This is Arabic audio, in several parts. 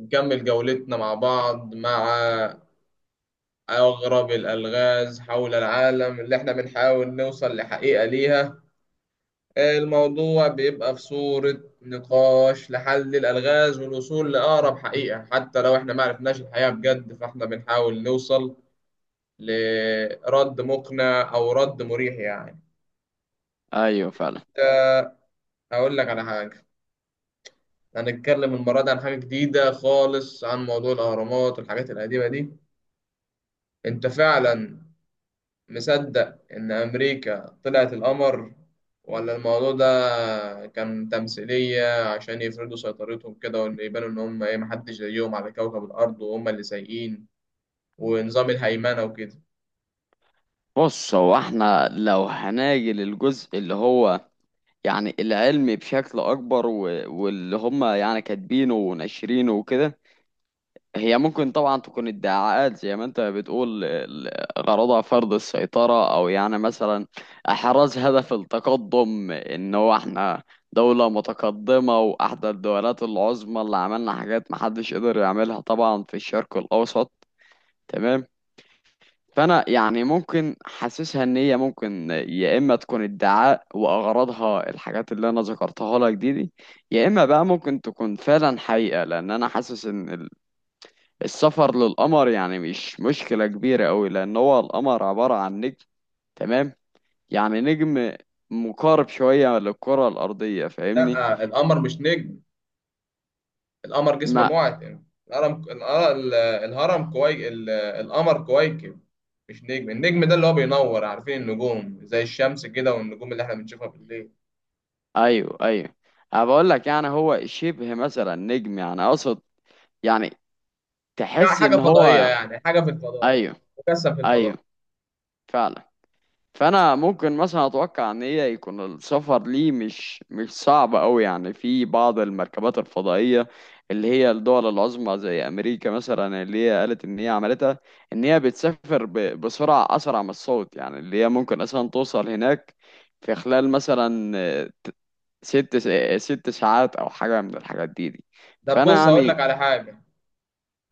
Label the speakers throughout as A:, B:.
A: نكمل جولتنا مع بعض، مع أغرب الألغاز حول العالم اللي احنا بنحاول نوصل لحقيقة ليها. الموضوع بيبقى في صورة نقاش لحل الألغاز والوصول لأقرب حقيقة، حتى لو احنا معرفناش الحقيقة بجد فاحنا بنحاول نوصل لرد مقنع أو رد مريح، يعني.
B: ايوه، فعلا.
A: ده، هقول لك على حاجة. هنتكلم المرة دي عن حاجة جديدة خالص، عن موضوع الأهرامات والحاجات القديمة دي. انت فعلا مصدق إن أمريكا طلعت القمر، ولا الموضوع ده كان تمثيلية عشان يفرضوا سيطرتهم كده، وإن يبانوا إن هم إيه محدش زيهم على كوكب الأرض وهم اللي سايقين ونظام الهيمنة وكده؟
B: بص، هو احنا لو هناجي للجزء اللي هو يعني العلمي بشكل اكبر واللي هم يعني كاتبينه وناشرينه وكده. هي ممكن طبعا تكون ادعاءات زي ما انت بتقول، غرضها فرض السيطرة، او يعني مثلا احراز هدف التقدم ان هو احنا دولة متقدمة واحدى الدولات العظمى اللي عملنا حاجات محدش قدر يعملها طبعا في الشرق الاوسط. تمام. فانا يعني ممكن حاسسها ان هي ممكن يا اما تكون ادعاء واغراضها الحاجات اللي انا ذكرتها لك دي، يا اما بقى ممكن تكون فعلا حقيقة، لان انا حاسس ان السفر للقمر يعني مش مشكلة كبيرة قوي، لان هو القمر عبارة عن نجم. تمام. يعني نجم مقارب شوية للكرة الارضية، فاهمني.
A: لأ، القمر مش نجم. القمر جسم
B: ما
A: معتم. الهرم القر- ال- الهرم كوي ال- القمر كويكب، مش نجم. النجم ده اللي هو بينور، عارفين النجوم زي الشمس كده، والنجوم اللي إحنا بنشوفها بالليل.
B: ايوه، ايوه. أنا بقول لك يعني هو شبه مثلا نجم، يعني اقصد يعني تحس
A: حاجة
B: ان
A: فضائية،
B: هو،
A: يعني حاجة في الفضاء،
B: ايوه،
A: مكثف في الفضاء.
B: ايوه فعلا. فانا ممكن مثلا اتوقع ان هي يكون السفر ليه مش صعب قوي، يعني في بعض المركبات الفضائيه اللي هي الدول العظمى زي امريكا مثلا اللي هي قالت ان هي عملتها، ان هي بتسافر بسرعه اسرع من الصوت، يعني اللي هي ممكن اصلا توصل هناك في خلال مثلا ست س- آه، ست ساعات او حاجه من الحاجات دي.
A: طب
B: فانا
A: بص، هقول
B: يعني
A: لك على حاجة.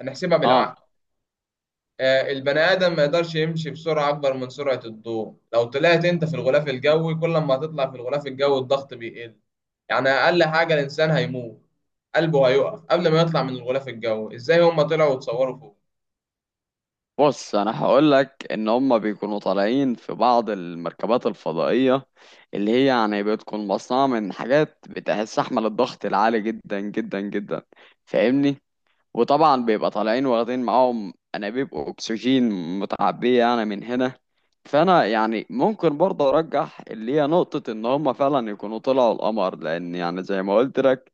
A: هنحسبها
B: اه.
A: بالعقل. البني آدم ما يقدرش يمشي بسرعة أكبر من سرعة الضوء. لو طلعت أنت في الغلاف الجوي، كل ما هتطلع في الغلاف الجوي الضغط بيقل. يعني أقل حاجة الإنسان هيموت، قلبه هيقف قبل ما يطلع من الغلاف الجوي. إزاي هما طلعوا وتصوروا فوق؟
B: بص، انا هقول لك ان هم بيكونوا طالعين في بعض المركبات الفضائيه اللي هي يعني بتكون مصنوعه من حاجات بتستحمل الضغط العالي جدا جدا جدا، فاهمني. وطبعا بيبقى طالعين واخدين معاهم انابيب اكسجين متعبيه يعني من هنا. فانا يعني ممكن برضه ارجح اللي هي نقطه ان هم فعلا يكونوا طلعوا القمر، لان يعني زي ما قلت لك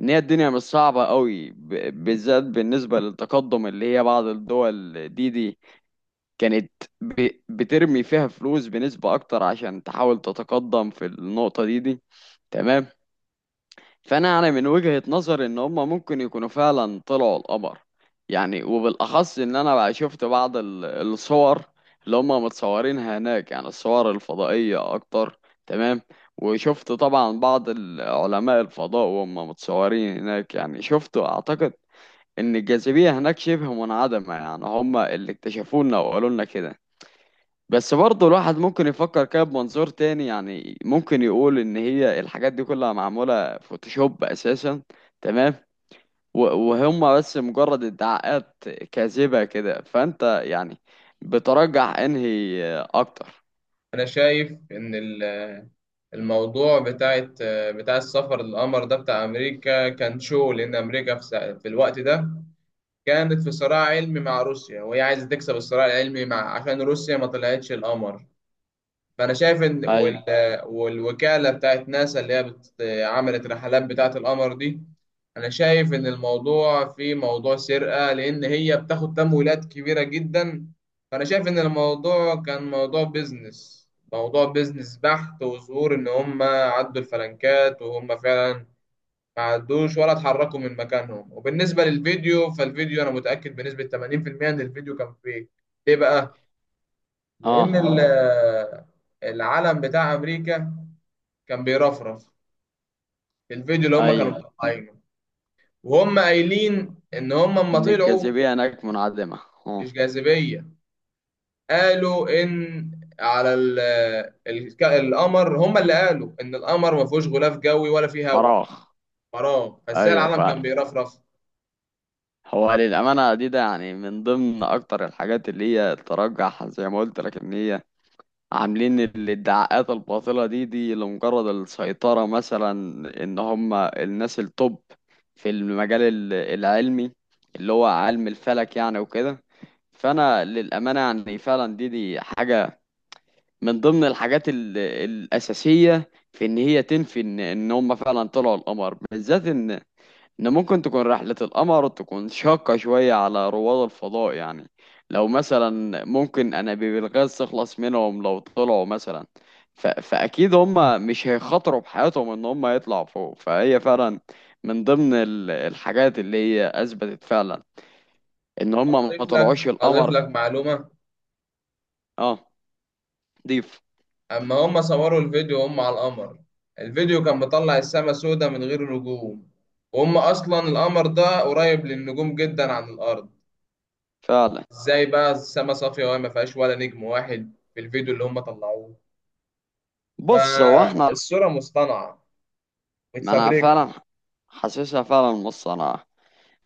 B: ان هي الدنيا مش صعبه قوي، بالذات بالنسبه للتقدم اللي هي بعض الدول دي كانت بترمي فيها فلوس بنسبة أكتر عشان تحاول تتقدم في النقطة دي. تمام. فأنا من وجهة نظري إن هما ممكن يكونوا فعلا طلعوا القمر، يعني وبالأخص إن أنا بقى شفت بعض الصور اللي هما متصورينها هناك، يعني الصور الفضائية أكتر. تمام. وشفت طبعا بعض علماء الفضاء وهم متصورين هناك، يعني شفت أعتقد إن الجاذبية هناك شبه منعدمة، يعني هما اللي اكتشفونا وقالوا لنا كده. بس برضه الواحد ممكن يفكر كده بمنظور تاني، يعني ممكن يقول ان هي الحاجات دي كلها معمولة فوتوشوب اساسا. تمام. و- وهم بس مجرد ادعاءات كاذبة كده. فانت يعني بترجح انهي اكتر؟
A: أنا شايف إن الموضوع بتاع السفر للقمر ده بتاع أمريكا كان شو، لأن أمريكا في الوقت ده كانت في صراع علمي مع روسيا، وهي عايزة تكسب الصراع العلمي مع عشان روسيا ما طلعتش القمر. فأنا شايف إن
B: ايوه.
A: والوكالة بتاعت ناسا اللي هي عملت رحلات بتاعت القمر دي، أنا شايف إن الموضوع فيه موضوع سرقة، لأن هي بتاخد تمويلات كبيرة جدا. فأنا شايف إن الموضوع كان موضوع بيزنس، موضوع بيزنس بحت، وظهور إن هم عدوا الفلنكات وهم فعلا ما عدوش ولا اتحركوا من مكانهم. وبالنسبة للفيديو، فالفيديو أنا متأكد بنسبة 80% إن الفيديو كان فيك. ليه بقى؟ لأن
B: اه،
A: العلم بتاع أمريكا كان بيرفرف في الفيديو اللي هم كانوا
B: ايوه،
A: مطلعينه، وهم قايلين إن هم أما
B: ان
A: طلعوا
B: الجاذبية هناك منعدمة. اه،
A: مش جاذبية. قالوا إن على ال ال القمر، هم اللي قالوا إن القمر ما فيهوش غلاف جوي ولا فيه هواء.
B: فراغ.
A: فراغ. فإزاي
B: ايوه
A: العلم كان
B: فعلا.
A: بيرفرف؟
B: هو للأمانة دي يعني من ضمن اكتر الحاجات اللي هي ترجح زي ما قلت لك ان هي عاملين الدعاءات الباطلة دي لمجرد السيطرة مثلا، ان هم الناس التوب في المجال العلمي اللي هو علم الفلك يعني وكده. فانا للأمانة يعني فعلا دي حاجة من ضمن الحاجات الأساسية في ان هي تنفي ان ان هم فعلا طلعوا القمر، بالذات ان ممكن تكون رحلة القمر تكون شاقة شوية على رواد الفضاء، يعني لو مثلا ممكن انابيب الغاز تخلص منهم لو طلعوا مثلا، فاكيد هم مش هيخاطروا بحياتهم ان هم يطلعوا فوق. فهي فعلا من ضمن الحاجات اللي هي اثبتت فعلا ان هم ما
A: أضيف لك
B: طلعوش
A: أضيف
B: القمر.
A: لك معلومة.
B: اه، ضيف.
A: اما هم صوروا الفيديو هم على القمر، الفيديو كان مطلع السما سودة من غير نجوم، وهم اصلا القمر ده قريب للنجوم جدا عن الارض.
B: فعلا.
A: ازاي بقى السما صافية وما فيهاش ولا نجم واحد في الفيديو اللي هم طلعوه؟
B: بص هو احنا،
A: فالصورة مصطنعة،
B: ما انا
A: متفبركة.
B: فعلا حاسسها فعلا نص. انا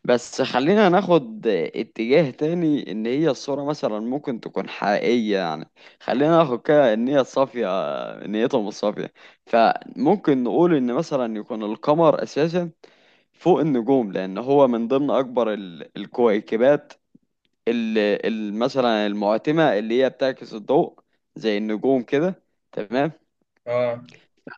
B: بس خلينا ناخد اتجاه تاني، ان هي الصورة مثلا ممكن تكون حقيقية، يعني خلينا ناخد كده ان هي صافية، نيتهم الصافية. فممكن نقول ان مثلا يكون القمر اساسا فوق النجوم، لان هو من ضمن اكبر الكويكبات اللي مثلا المعتمة اللي هي بتعكس الضوء زي النجوم كده. تمام.
A: اه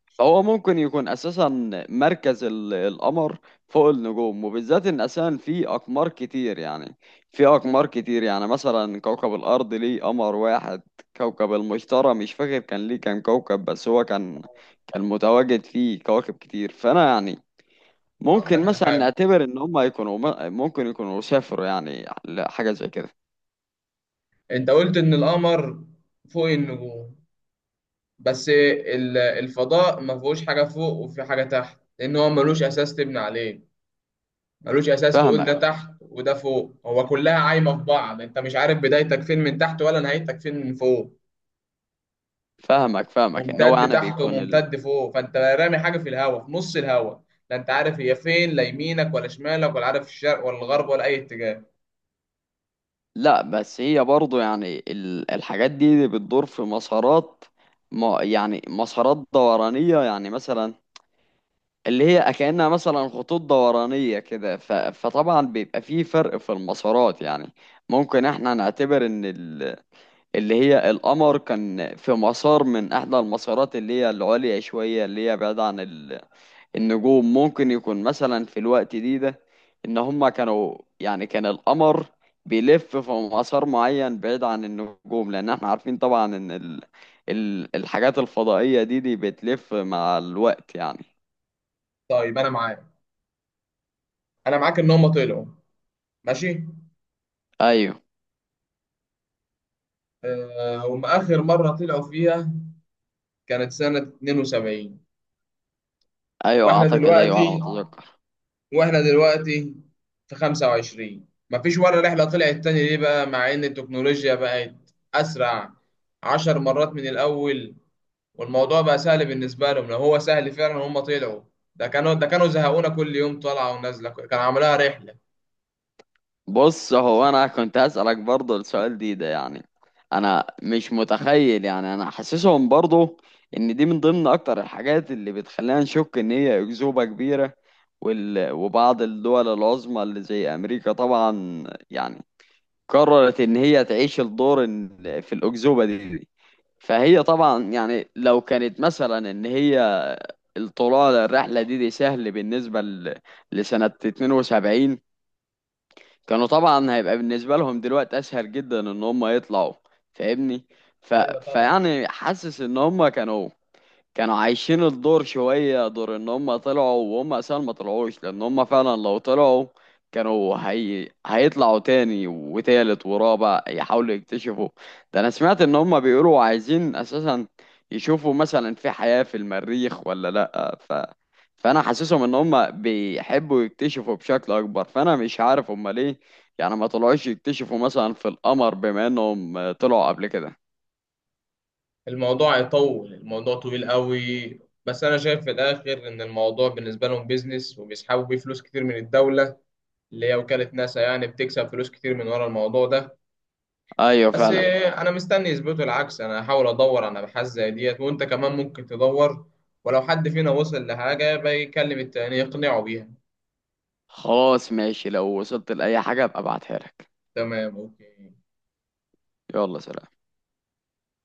B: فهو ممكن يكون اساسا مركز القمر فوق النجوم، وبالذات ان اساسا في اقمار كتير، يعني مثلا كوكب الارض ليه قمر واحد، كوكب المشتري مش فاكر كان ليه كام كوكب، بس هو كان متواجد فيه كواكب كتير. فانا يعني
A: هقول لك
B: ممكن
A: على
B: مثلا
A: حاجة.
B: نعتبر ان هم يكونوا ممكن يكونوا سافروا يعني لحاجة زي كده.
A: انت قلت ان القمر فوق النجوم، بس الفضاء ما فيهوش حاجة فوق وفي حاجة تحت، لان هو ملوش اساس تبني عليه. ملوش اساس تقول ده
B: فاهمك،
A: تحت وده فوق، هو كلها عايمه في بعض. انت مش عارف بدايتك فين من تحت، ولا نهايتك فين من فوق.
B: فاهمك ان هو
A: ممتد
B: يعني
A: تحت
B: بيكون،
A: وممتد فوق، فانت رامي حاجه في الهواء، في نص الهواء، لا انت عارف هي فين، لا يمينك ولا شمالك، ولا عارف الشرق ولا الغرب ولا اي اتجاه.
B: لا بس هي برضو يعني الحاجات دي بتدور في مسارات، ما يعني مسارات دورانية يعني مثلا اللي هي كأنها مثلا خطوط دورانية كده، فطبعا بيبقى فيه فرق في المسارات. يعني ممكن احنا نعتبر ان اللي هي القمر كان في مسار من احدى المسارات اللي هي العليا شوية اللي هي بعيدة عن النجوم. ممكن يكون مثلا في الوقت ده ان هما كانوا يعني كان القمر بيلف في مسار معين بعيد عن النجوم، لان احنا عارفين طبعا ان الحاجات الفضائية دي بتلف مع الوقت يعني.
A: طيب انا معاك، انا معاك ان هم طلعوا، ماشي.
B: ايوه.
A: هم اخر مره طلعوا فيها كانت سنه 72،
B: ايوه
A: واحنا
B: اعتقد، ايوه على ما
A: دلوقتي
B: اتذكر.
A: واحنا دلوقتي في 25 مفيش ولا رحلة طلعت تاني. ليه بقى مع ان التكنولوجيا بقت اسرع 10 مرات من الاول، والموضوع بقى سهل بالنسبة لهم؟ لو هو سهل فعلا هم طلعوا، ده كانوا زهقونا كل يوم طالعة ونازلة كان عاملها رحلة.
B: بص هو انا كنت هسألك برضه السؤال ده يعني، انا مش متخيل يعني، انا حاسسهم برضه ان دي من ضمن اكتر الحاجات اللي بتخلينا نشك ان هي اكذوبة كبيرة. وبعض الدول العظمى اللي زي امريكا طبعا يعني قررت ان هي تعيش الدور في الاكذوبة دي. فهي طبعا يعني لو كانت مثلا ان هي الطلوع للرحلة دي سهل بالنسبة لسنة 72، كانوا طبعا هيبقى بالنسبة لهم دلوقتي أسهل جدا إن هم يطلعوا، فاهمني. ف...
A: ايوه طبعا.
B: فيعني حاسس إن هم كانوا عايشين الدور شوية، دور ان هم طلعوا وهم اساسا ما طلعوش، لان هم فعلا لو طلعوا كانوا هيطلعوا تاني وتالت ورابع يحاولوا يكتشفوا. ده انا سمعت ان هم بيقولوا عايزين اساسا يشوفوا مثلا في حياة في المريخ ولا لا. فانا حاسسهم ان هم بيحبوا يكتشفوا بشكل اكبر، فانا مش عارف هم ليه يعني ما طلعوش يكتشفوا مثلا في القمر بما انهم طلعوا قبل كده.
A: الموضوع يطول، الموضوع طويل قوي. بس انا شايف في الاخر ان الموضوع بالنسبه لهم بيزنس، وبيسحبوا بيه فلوس كتير من الدوله اللي هي وكاله ناسا، يعني بتكسب فلوس كتير من ورا الموضوع ده.
B: ايوه
A: بس
B: فعلا.
A: انا مستني يثبتوا العكس. انا هحاول ادور على ابحاث زي ديت، وانت كمان ممكن تدور. ولو حد فينا وصل لحاجه بيكلم التاني يقنعه بيها.
B: خلاص ماشي، لو وصلت لأي حاجة ابقى ابعتها لك.
A: تمام، اوكي.
B: يلا سلام.